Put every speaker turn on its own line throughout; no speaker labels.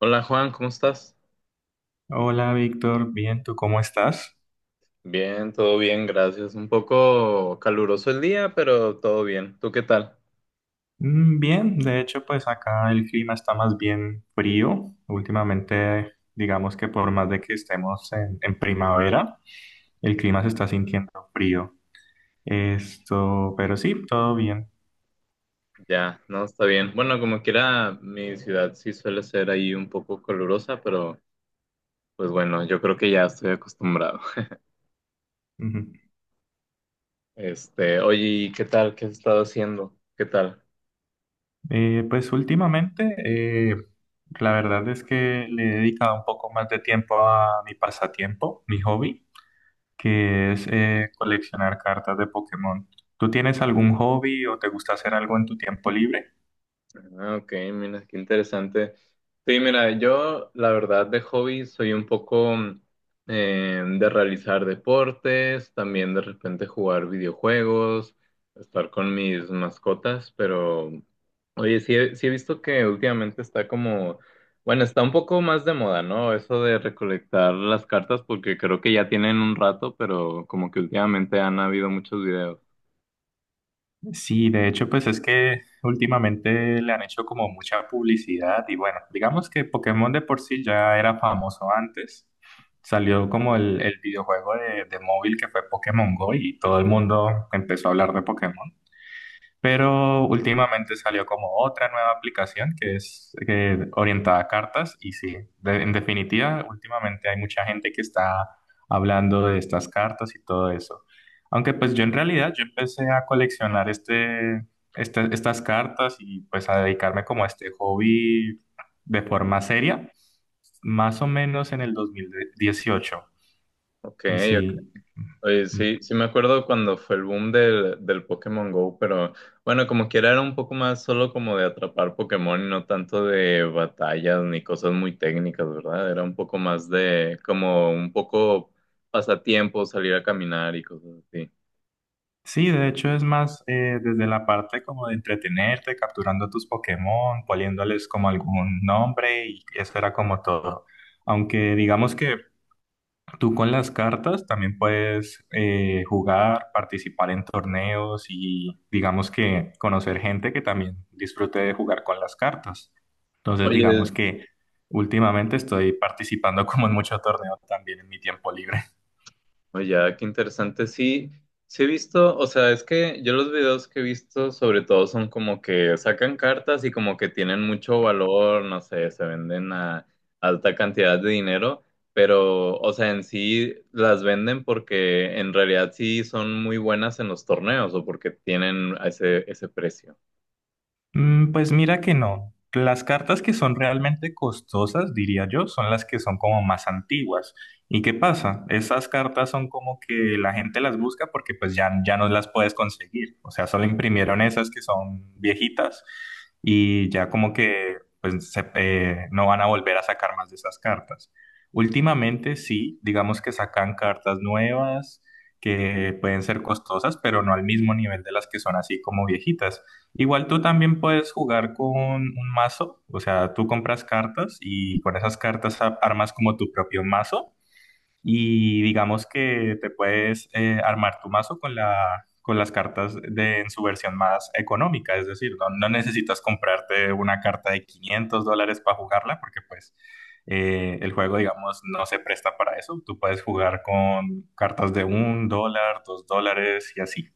Hola Juan, ¿cómo estás?
Hola Víctor, bien, ¿tú cómo estás?
Bien, todo bien, gracias. Un poco caluroso el día, pero todo bien. ¿Tú qué tal?
Bien, de hecho pues acá el clima está más bien frío. Últimamente digamos que por más de que estemos en, primavera, el clima se está sintiendo frío. Esto, pero sí, todo bien.
Ya, no, está bien. Bueno, como quiera, mi ciudad sí suele ser ahí un poco calurosa, pero pues bueno, yo creo que ya estoy acostumbrado.
Ujú.
Oye, ¿y qué tal? ¿Qué has estado haciendo? ¿Qué tal?
Pues últimamente la verdad es que le he dedicado un poco más de tiempo a mi pasatiempo, mi hobby, que es coleccionar cartas de Pokémon. ¿Tú tienes algún hobby o te gusta hacer algo en tu tiempo libre?
Ah, ok, mira, qué interesante. Sí, mira, yo la verdad de hobby soy un poco de realizar deportes, también de repente jugar videojuegos, estar con mis mascotas, pero oye, sí he visto que últimamente está como, bueno, está un poco más de moda, ¿no? Eso de recolectar las cartas porque creo que ya tienen un rato, pero como que últimamente han habido muchos videos.
Sí, de hecho, pues es que últimamente le han hecho como mucha publicidad y bueno, digamos que Pokémon de por sí ya era famoso antes. Salió como el videojuego de móvil que fue Pokémon Go y todo el mundo empezó a hablar de Pokémon. Pero últimamente salió como otra nueva aplicación que es orientada a cartas y sí, en definitiva, últimamente hay mucha gente que está hablando de estas cartas y todo eso. Aunque pues yo en realidad yo empecé a coleccionar estas cartas y pues a dedicarme como a este hobby de forma seria, más o menos en el 2018.
Ok.
Y sí.
Oye,
Mm, mm.
sí me acuerdo cuando fue el boom del Pokémon Go, pero bueno, como quiera era un poco más solo como de atrapar Pokémon y no tanto de batallas ni cosas muy técnicas, ¿verdad? Era un poco más de como un poco pasatiempo, salir a caminar y cosas así.
Sí, de hecho es más desde la parte como de entretenerte, capturando tus Pokémon, poniéndoles como algún nombre y eso era como todo. Aunque digamos que tú con las cartas también puedes jugar, participar en torneos y digamos que conocer gente que también disfrute de jugar con las cartas. Entonces
Oye,
digamos que últimamente estoy participando como en mucho torneo también en mi tiempo libre.
Oye, ah, qué interesante. Sí, sí he visto, o sea, es que yo los videos que he visto sobre todo son como que sacan cartas y como que tienen mucho valor, no sé, se venden a alta cantidad de dinero, pero, o sea, en sí las venden porque en realidad sí son muy buenas en los torneos o porque tienen ese precio.
Pues mira que no. Las cartas que son realmente costosas, diría yo, son las que son como más antiguas. ¿Y qué pasa? Esas cartas son como que la gente las busca porque pues ya, ya no las puedes conseguir. O sea, solo imprimieron esas que son viejitas y ya como que pues no van a volver a sacar más de esas cartas. Últimamente sí, digamos que sacan cartas nuevas que pueden ser costosas, pero no al mismo nivel de las que son así como viejitas. Igual tú también puedes jugar con un mazo, o sea, tú compras cartas y con esas cartas armas como tu propio mazo y digamos que te puedes armar tu mazo con con las cartas en su versión más económica, es decir, no, no necesitas comprarte una carta de $500 para jugarla porque pues el juego, digamos, no se presta para eso, tú puedes jugar con cartas de $1, $2 y así.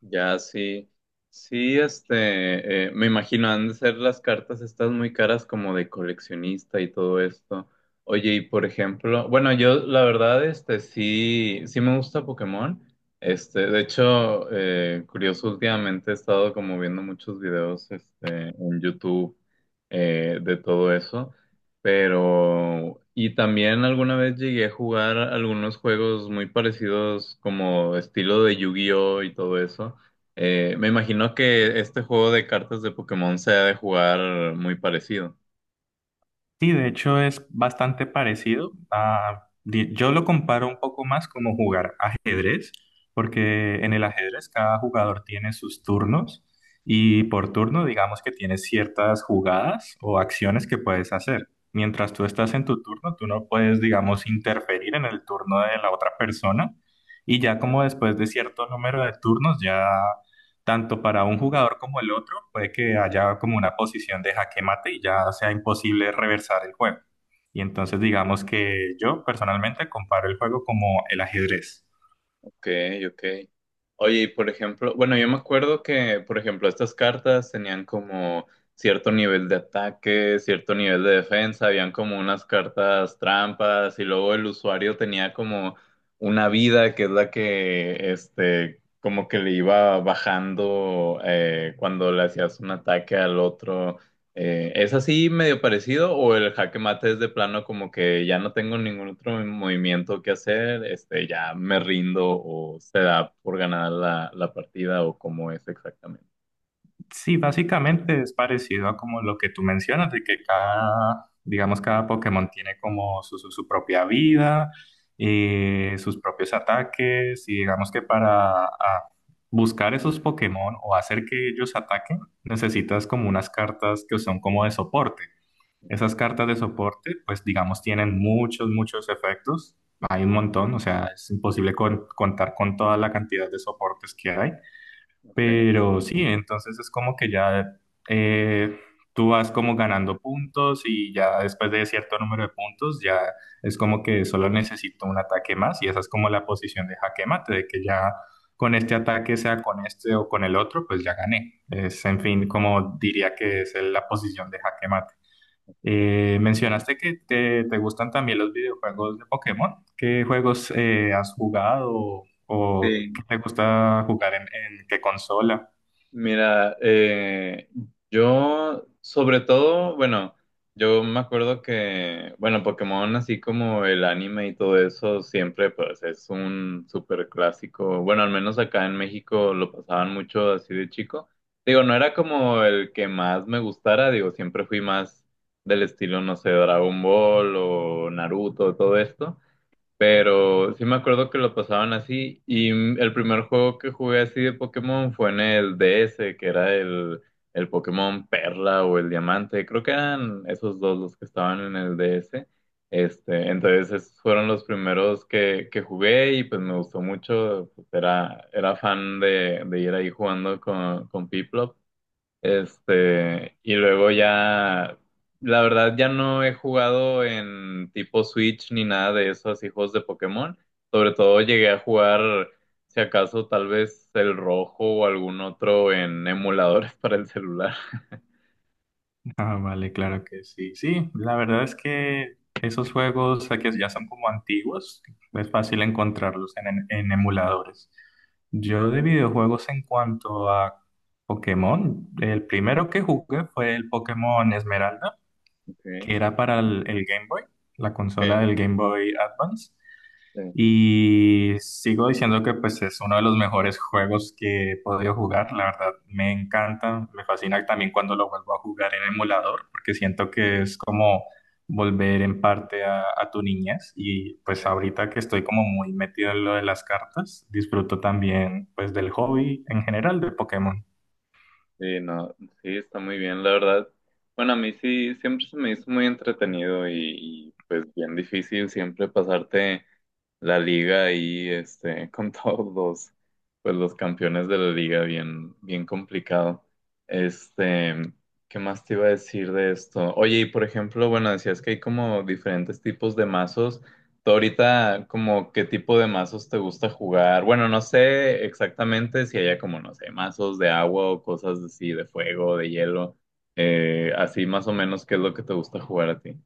Ya, sí. Sí, me imagino, han de ser las cartas estas muy caras como de coleccionista y todo esto. Oye, y por ejemplo, bueno, yo la verdad, sí me gusta Pokémon. De hecho, curioso, últimamente he estado como viendo muchos videos, en YouTube, de todo eso. Pero, y también alguna vez llegué a jugar algunos juegos muy parecidos como estilo de Yu-Gi-Oh y todo eso. Me imagino que este juego de cartas de Pokémon se ha de jugar muy parecido.
Sí, de hecho es bastante parecido. Yo lo comparo un poco más como jugar ajedrez, porque en el ajedrez cada jugador tiene sus turnos y por turno digamos que tienes ciertas jugadas o acciones que puedes hacer. Mientras tú estás en tu turno, tú no puedes, digamos, interferir en el turno de la otra persona y ya como después de cierto número de turnos, ya tanto para un jugador como el otro, puede que haya como una posición de jaque mate y ya sea imposible reversar el juego. Y entonces digamos que yo personalmente comparo el juego como el ajedrez.
Ok, ok. Oye, y por ejemplo, bueno, yo me acuerdo que, por ejemplo, estas cartas tenían como cierto nivel de ataque, cierto nivel de defensa, habían como unas cartas trampas y luego el usuario tenía como una vida que es la que, como que le iba bajando cuando le hacías un ataque al otro. ¿Es así medio parecido o el jaque mate es de plano como que ya no tengo ningún otro movimiento que hacer, ya me rindo o se da por ganar la partida o cómo es exactamente?
Sí, básicamente es parecido a como lo que tú mencionas, de que cada, digamos, cada Pokémon tiene como su propia vida, sus propios ataques, y digamos que para buscar esos Pokémon o hacer que ellos ataquen, necesitas como unas cartas que son como de soporte. Esas
Okay,
cartas de soporte, pues digamos, tienen muchos, muchos efectos. Hay un montón, o sea, es imposible contar con toda la cantidad de soportes que hay.
ok,
Pero sí, entonces es como que ya eh, tú vas como ganando puntos y ya después de cierto número de puntos, ya es como que solo necesito un ataque más y esa es como la posición de jaque mate, de que ya con este ataque, sea con este o con el otro, pues ya gané. Es, en fin, como diría que es la posición de jaque mate.
ok.
Mencionaste que te gustan también los videojuegos de Pokémon. ¿Qué juegos has jugado o qué
Sí.
te gusta jugar en, qué consola?
Mira, yo sobre todo, bueno, yo me acuerdo que, bueno, Pokémon, así como el anime y todo eso, siempre pues es un súper clásico. Bueno, al menos acá en México lo pasaban mucho así de chico. Digo, no era como el que más me gustara, digo, siempre fui más del estilo, no sé, Dragon Ball o Naruto, todo esto. Pero sí me acuerdo que lo pasaban así. Y mm, el primer juego que jugué así de Pokémon fue en el DS, que era el Pokémon Perla o el Diamante. Creo que eran esos dos los que estaban en el DS. Entonces esos fueron los primeros que jugué y pues me gustó mucho. Pues, era fan de ir ahí jugando con Piplup. Y luego ya, la verdad ya no he jugado en tipo Switch ni nada de eso, así juegos de Pokémon. Sobre todo llegué a jugar, si acaso, tal vez el rojo o algún otro en emuladores para el celular.
Ah, vale, claro que sí. Sí, la verdad es que esos juegos que ya son como antiguos. Es fácil encontrarlos en, en emuladores. Yo de videojuegos en cuanto a Pokémon, el primero que jugué fue el Pokémon Esmeralda,
Okay,
que era para el Game Boy, la consola
okay,
del Game Boy Advance.
sí.
Y sigo diciendo que pues es uno de los mejores juegos que he podido jugar. La verdad me encanta, me fascina también cuando lo vuelvo a jugar en emulador, porque siento que es como volver en parte a, tu niñez. Y pues
Sí,
ahorita que estoy como muy metido en lo de las cartas, disfruto también pues del hobby en general de Pokémon.
sí, no, sí, está muy bien, la verdad. Bueno, a mí sí, siempre se me hizo muy entretenido y, pues bien difícil siempre pasarte la liga ahí, con todos los, pues los campeones de la liga, bien, bien complicado. Este, ¿Qué más te iba a decir de esto? Oye, y por ejemplo, bueno, decías que hay como diferentes tipos de mazos. ¿Tú ahorita como qué tipo de mazos te gusta jugar? Bueno, no sé exactamente si haya como, no sé, mazos de agua o cosas así, de fuego, de hielo. Así más o menos, ¿qué es lo que te gusta jugar a ti?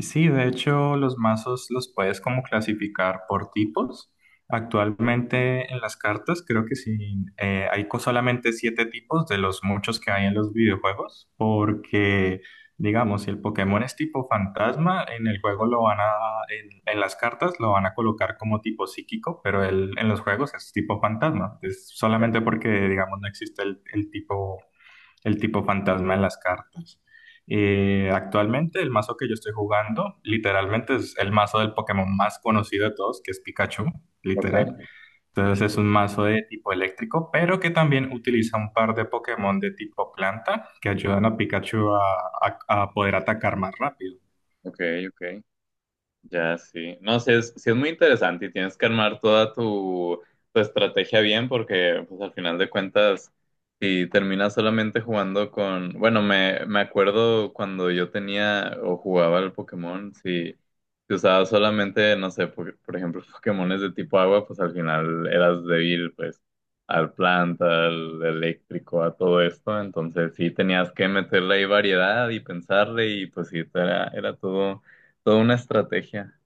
Sí, de hecho, los mazos los puedes como clasificar por tipos. Actualmente en las cartas creo que sí, hay solamente siete tipos de los muchos que hay en los videojuegos, porque digamos, si el Pokémon es tipo fantasma, en el juego lo van a, en las cartas lo van a colocar como tipo psíquico, pero en los juegos es tipo fantasma. Es solamente
Ya.
porque, digamos, no existe el tipo fantasma en las cartas. Actualmente el mazo que yo estoy jugando literalmente es el mazo del Pokémon más conocido de todos, que es Pikachu,
Ok,
literal. Entonces es un mazo de tipo eléctrico, pero que también utiliza un par de Pokémon de tipo planta que ayudan a Pikachu a poder atacar más rápido.
ok, ok. Ya, sí. No, sí es muy interesante y tienes que armar toda tu, tu estrategia bien porque, pues, al final de cuentas, si terminas solamente jugando con... Bueno, me acuerdo cuando yo tenía o jugaba al Pokémon, si usabas solamente, no sé, por ejemplo, Pokémones de tipo agua, pues al final eras débil, pues, al planta, al eléctrico, a todo esto. Entonces, sí tenías que meterle ahí variedad y pensarle y, pues, sí, era todo toda una estrategia.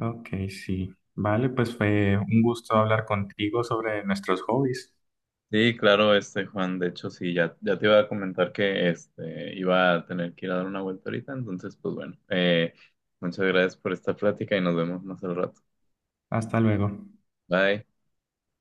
Ok, sí. Vale, pues fue un gusto hablar contigo sobre nuestros hobbies.
Sí, claro, este Juan, de hecho sí, ya te iba a comentar que este iba a tener que ir a dar una vuelta ahorita, entonces pues bueno, muchas gracias por esta plática y nos vemos más al rato.
Hasta luego.
Bye.